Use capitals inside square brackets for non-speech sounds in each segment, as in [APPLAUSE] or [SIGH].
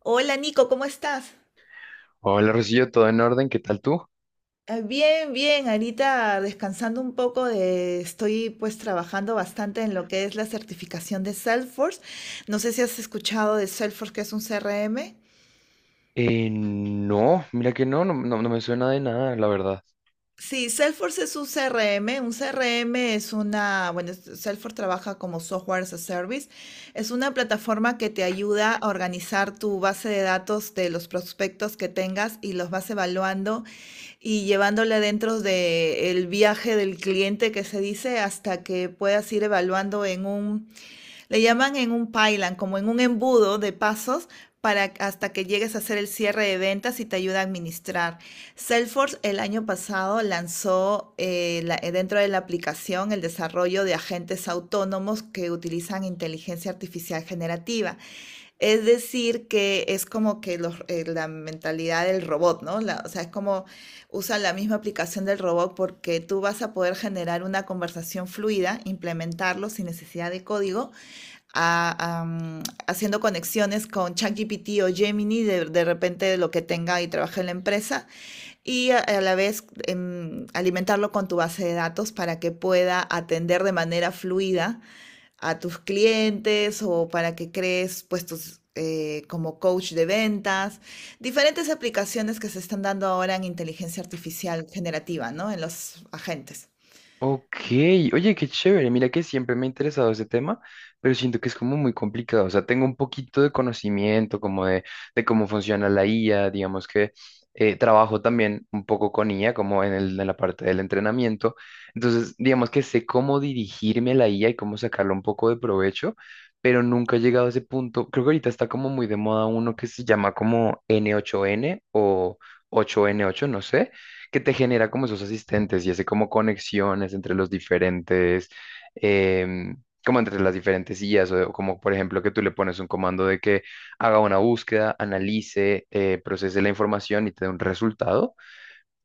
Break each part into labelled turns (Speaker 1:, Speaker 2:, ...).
Speaker 1: Hola Nico, ¿cómo estás?
Speaker 2: Hola, Rosillo, ¿todo en orden? ¿Qué tal tú?
Speaker 1: Bien, bien, ahorita descansando un poco de, estoy pues trabajando bastante en lo que es la certificación de Salesforce. No sé si has escuchado de Salesforce, que es un CRM.
Speaker 2: No, mira que no me suena de nada, la verdad.
Speaker 1: Sí, Salesforce es un CRM. Un CRM es una, bueno, Salesforce trabaja como software as a service. Es una plataforma que te ayuda a organizar tu base de datos de los prospectos que tengas y los vas evaluando y llevándola dentro del viaje del cliente que se dice hasta que puedas ir evaluando en un, le llaman en un pylon, como en un embudo de pasos para hasta que llegues a hacer el cierre de ventas y te ayuda a administrar. Salesforce el año pasado lanzó dentro de la aplicación el desarrollo de agentes autónomos que utilizan inteligencia artificial generativa. Es decir, que es como que los, la mentalidad del robot, ¿no? O sea, es como usa la misma aplicación del robot porque tú vas a poder generar una conversación fluida, implementarlo sin necesidad de código, a- a, mm, haciendo conexiones con ChatGPT o Gemini, de repente de lo que tenga y trabaje en la empresa, y a la vez alimentarlo con tu base de datos para que pueda atender de manera fluida a tus clientes o para que crees puestos como coach de ventas, diferentes aplicaciones que se están dando ahora en inteligencia artificial generativa, ¿no? En los agentes.
Speaker 2: Ok, oye, qué chévere. Mira que siempre me ha interesado ese tema, pero siento que es como muy complicado. O sea, tengo un poquito de conocimiento de cómo funciona la IA, digamos que trabajo también un poco con IA, como en la parte del entrenamiento. Entonces, digamos que sé cómo dirigirme a la IA y cómo sacarle un poco de provecho, pero nunca he llegado a ese punto. Creo que ahorita está como muy de moda uno que se llama como N8N o 8N8, no sé, que te genera como esos asistentes y hace como conexiones entre los diferentes, em, como entre las diferentes IAs, o como por ejemplo que tú le pones un comando de que haga una búsqueda, analice, procese la información y te dé un resultado.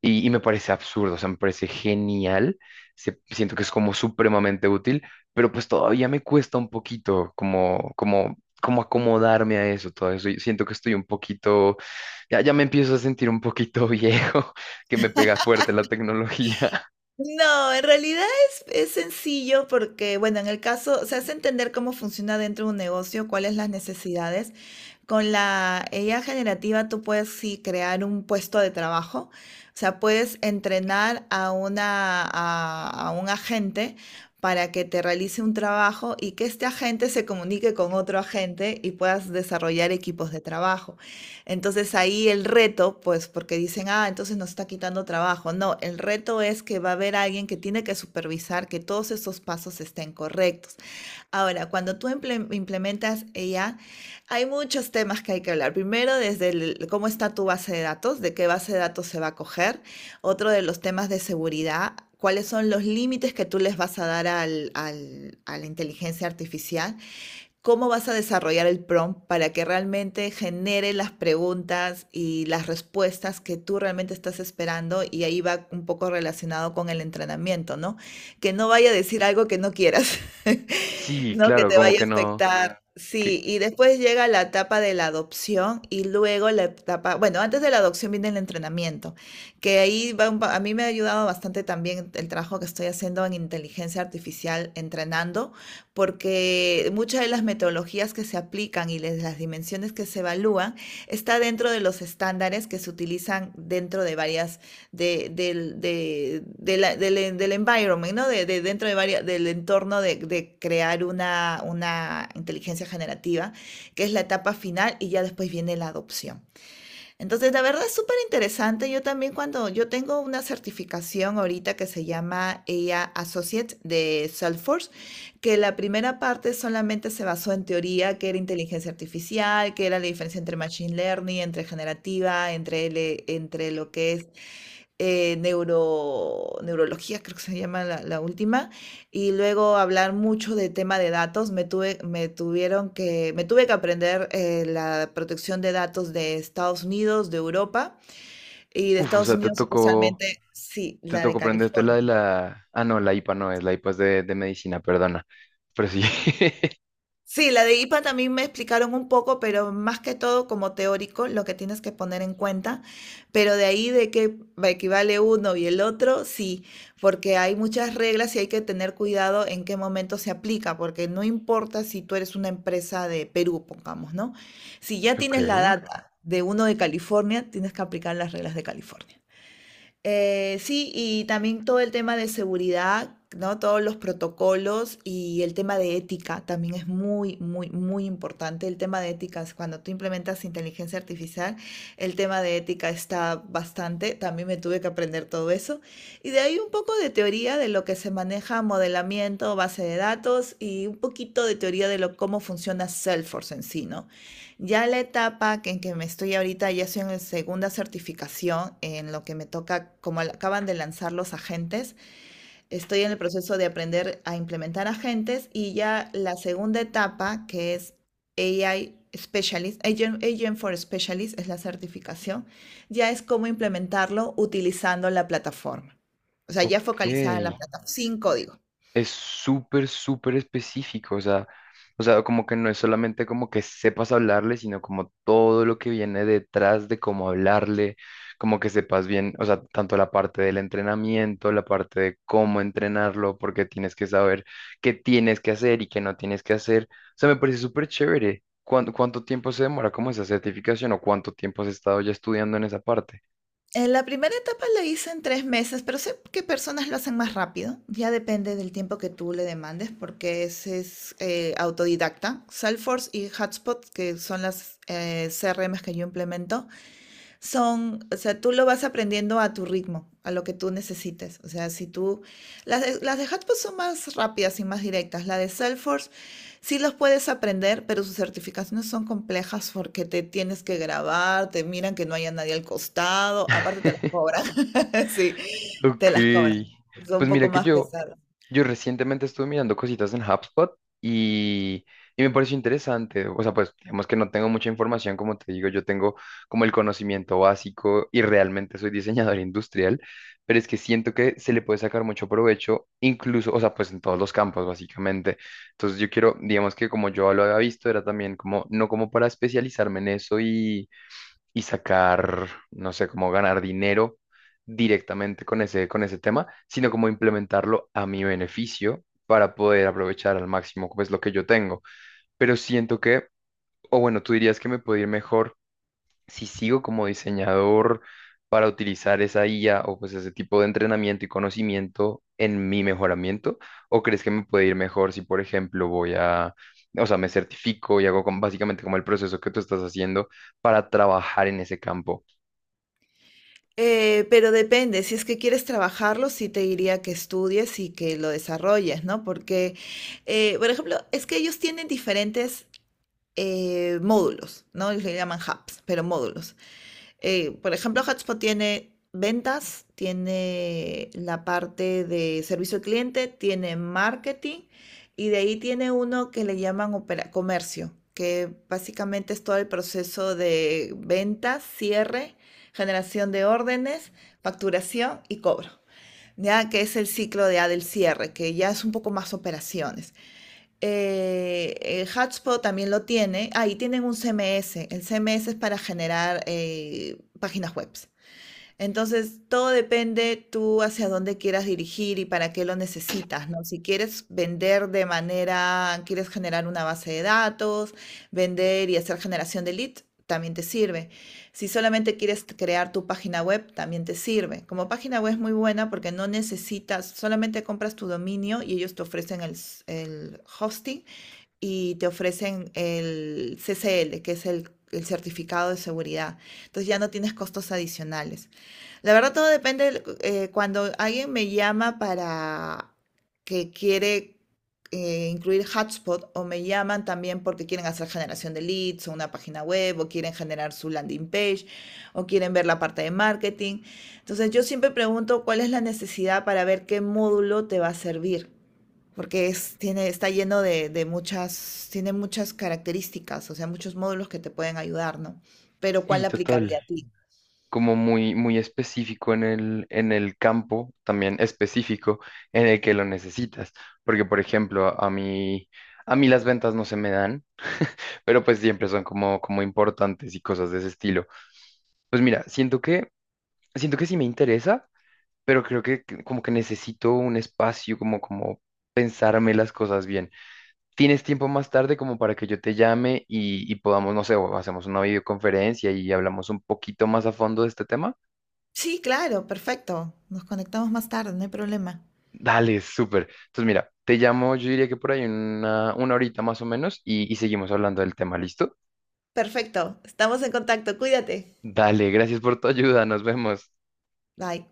Speaker 2: Y me parece absurdo, o sea, me parece genial, siento que es como supremamente útil, pero pues todavía me cuesta un poquito como acomodarme a eso, todo eso. Y siento que estoy un poquito, ya me empiezo a sentir un poquito [LAUGHS] viejo, que me pega fuerte la tecnología. [LAUGHS]
Speaker 1: No, en realidad es sencillo porque, bueno, en el caso, se hace entender cómo funciona dentro de un negocio, cuáles las necesidades. Con la IA generativa tú puedes sí crear un puesto de trabajo, o sea, puedes entrenar a a un agente para que te realice un trabajo y que este agente se comunique con otro agente y puedas desarrollar equipos de trabajo. Entonces ahí el reto, pues porque dicen, ah, entonces nos está quitando trabajo. No, el reto es que va a haber alguien que tiene que supervisar que todos esos pasos estén correctos. Ahora, cuando tú implementas ella, hay muchos temas que hay que hablar. Primero, cómo está tu base de datos, de qué base de datos se va a coger. Otro de los temas de seguridad, cuáles son los límites que tú les vas a dar a la inteligencia artificial, cómo vas a desarrollar el prompt para que realmente genere las preguntas y las respuestas que tú realmente estás esperando, y ahí va un poco relacionado con el entrenamiento, ¿no? Que no vaya a decir algo que no quieras, [LAUGHS]
Speaker 2: Sí,
Speaker 1: ¿no? Que
Speaker 2: claro,
Speaker 1: te
Speaker 2: como
Speaker 1: vaya
Speaker 2: que
Speaker 1: a
Speaker 2: no,
Speaker 1: afectar. Claro.
Speaker 2: que,
Speaker 1: Sí, y después llega la etapa de la adopción y luego la etapa, bueno, antes de la adopción viene el entrenamiento, que ahí va a mí me ha ayudado bastante también el trabajo que estoy haciendo en inteligencia artificial entrenando, porque muchas de las metodologías que se aplican y las dimensiones que se evalúan está dentro de los estándares que se utilizan dentro de varias, de, del, de la- del, del environment, ¿no? Dentro de varias, del entorno de crear una inteligencia generativa, que es la etapa final y ya después viene la adopción. Entonces, la verdad es súper interesante. Yo también cuando yo tengo una certificación ahorita que se llama ella Associate de Salesforce, que la primera parte solamente se basó en teoría, que era inteligencia artificial, que era la diferencia entre machine learning, entre generativa, entre lo que es neurología, creo que se llama la última, y luego hablar mucho de tema de datos. Me tuve que aprender la protección de datos de Estados Unidos, de Europa y de
Speaker 2: Uff, o
Speaker 1: Estados
Speaker 2: sea,
Speaker 1: Unidos especialmente, sí,
Speaker 2: te
Speaker 1: la de
Speaker 2: tocó prenderte la de
Speaker 1: California.
Speaker 2: la, ah, no, la IPA no es, la IPA es de medicina, perdona, pero sí. [LAUGHS]
Speaker 1: Sí, la de IPA también me explicaron un poco, pero más que todo como teórico, lo que tienes que poner en cuenta. Pero de ahí de que equivale uno y el otro, sí, porque hay muchas reglas y hay que tener cuidado en qué momento se aplica, porque no importa si tú eres una empresa de Perú, pongamos, ¿no? Si ya
Speaker 2: Ok,
Speaker 1: tienes la data de uno de California, tienes que aplicar las reglas de California. Sí, y también todo el tema de seguridad, ¿no? Todos los protocolos y el tema de ética también es muy, muy, muy importante. El tema de ética, es cuando tú implementas inteligencia artificial, el tema de ética está bastante. También me tuve que aprender todo eso. Y de ahí un poco de teoría de lo que se maneja modelamiento, base de datos y un poquito de teoría de lo, cómo funciona Salesforce en sí, ¿no? Ya la etapa que en que me estoy ahorita, ya estoy en la segunda certificación, en lo que me toca, como acaban de lanzar los agentes, estoy en el proceso de aprender a implementar agentes y ya la segunda etapa, que es AI Specialist, Agent, Agent for Specialist, es la certificación, ya es cómo implementarlo utilizando la plataforma. O sea, ya
Speaker 2: ok.
Speaker 1: focalizada en la plataforma, sin código.
Speaker 2: Es súper, súper específico, o sea, como que no es solamente como que sepas hablarle, sino como todo lo que viene detrás de cómo hablarle, como que sepas bien, o sea, tanto la parte del entrenamiento, la parte de cómo entrenarlo, porque tienes que saber qué tienes que hacer y qué no tienes que hacer. O sea, me parece súper chévere. Cuánto tiempo se demora como esa certificación o cuánto tiempo has estado ya estudiando en esa parte?
Speaker 1: La primera etapa la hice en tres meses, pero sé que personas lo hacen más rápido. Ya depende del tiempo que tú le demandes, porque ese es autodidacta. Salesforce y Hotspot, que son las CRMs que yo implemento, son, o sea, tú lo vas aprendiendo a tu ritmo, a lo que tú necesites. O sea, si tú, las de Hotpot son más rápidas y más directas. La de Salesforce sí los puedes aprender, pero sus certificaciones son complejas porque te tienes que grabar, te miran que no haya nadie al costado, aparte te las
Speaker 2: [LAUGHS]
Speaker 1: cobran. [LAUGHS] Sí, te
Speaker 2: Ok,
Speaker 1: las cobran. Son un
Speaker 2: pues mira
Speaker 1: poco
Speaker 2: que
Speaker 1: más
Speaker 2: yo,
Speaker 1: pesadas.
Speaker 2: yo recientemente estuve mirando cositas en HubSpot y, y me pareció interesante. O sea, pues digamos que no tengo mucha información, como te digo, yo tengo como el conocimiento básico y realmente soy diseñador [LAUGHS] industrial, pero es que siento que se le puede sacar mucho provecho, incluso, o sea, pues en todos los campos, básicamente. Entonces yo quiero, digamos que como yo lo había visto, era también como, no como para especializarme en eso y sacar, no sé, cómo ganar dinero directamente con ese tema, sino como implementarlo a mi beneficio para poder aprovechar al máximo pues lo que yo tengo. Pero siento que, o bueno, tú dirías que me puede ir mejor si sigo como diseñador para utilizar esa IA o pues ese tipo de entrenamiento y conocimiento en mi mejoramiento, o crees que me puede ir mejor si, por ejemplo, o sea, me certifico y hago básicamente como el proceso que tú estás haciendo para trabajar en ese campo.
Speaker 1: Pero depende, si es que quieres trabajarlo, sí te diría que estudies y que lo desarrolles, ¿no? Por ejemplo, es que ellos tienen diferentes módulos, ¿no? Ellos le llaman hubs, pero módulos. Por ejemplo, Hotspot tiene ventas, tiene la parte de servicio al cliente, tiene marketing y de ahí tiene uno que le llaman comercio, que básicamente es todo el proceso de ventas, cierre, generación de órdenes, facturación y cobro. Ya que es el ciclo de A del cierre, que ya es un poco más operaciones. HubSpot también lo tiene. Ahí tienen un CMS. El CMS es para generar páginas web. Entonces, todo depende tú hacia dónde quieras dirigir y para qué lo necesitas, ¿no? Si quieres vender de manera, quieres generar una base de datos, vender y hacer generación de leads, también te sirve. Si solamente quieres crear tu página web, también te sirve. Como página web es muy buena porque no necesitas, solamente compras tu dominio y ellos te ofrecen el hosting y te ofrecen el CCL, que es el certificado de seguridad. Entonces ya no tienes costos adicionales. La verdad todo depende, cuando alguien me llama para que quiere incluir hotspot o me llaman también porque quieren hacer generación de leads o una página web o quieren generar su landing page o quieren ver la parte de marketing. Entonces yo siempre pregunto cuál es la necesidad para ver qué módulo te va a servir porque tiene, está lleno muchas, tiene muchas características, o sea, muchos módulos que te pueden ayudar, ¿no? Pero
Speaker 2: Sí,
Speaker 1: ¿cuál
Speaker 2: total.
Speaker 1: aplicaría a ti?
Speaker 2: Como muy, muy específico en en el campo, también específico en el que lo necesitas. Porque, por ejemplo, a mí las ventas no se me dan, pero pues siempre son como importantes y cosas de ese estilo. Pues mira, siento que sí me interesa, pero creo que como que necesito un espacio como pensarme las cosas bien. ¿Tienes tiempo más tarde como para que yo te llame y podamos, no sé, o hacemos una videoconferencia y hablamos un poquito más a fondo de este tema?
Speaker 1: Sí, claro, perfecto. Nos conectamos más tarde, no hay problema.
Speaker 2: Dale, súper. Entonces, mira, te llamo, yo diría que por ahí una horita más o menos y seguimos hablando del tema, ¿listo?
Speaker 1: Perfecto, estamos en contacto, cuídate.
Speaker 2: Dale, gracias por tu ayuda, nos vemos.
Speaker 1: Bye.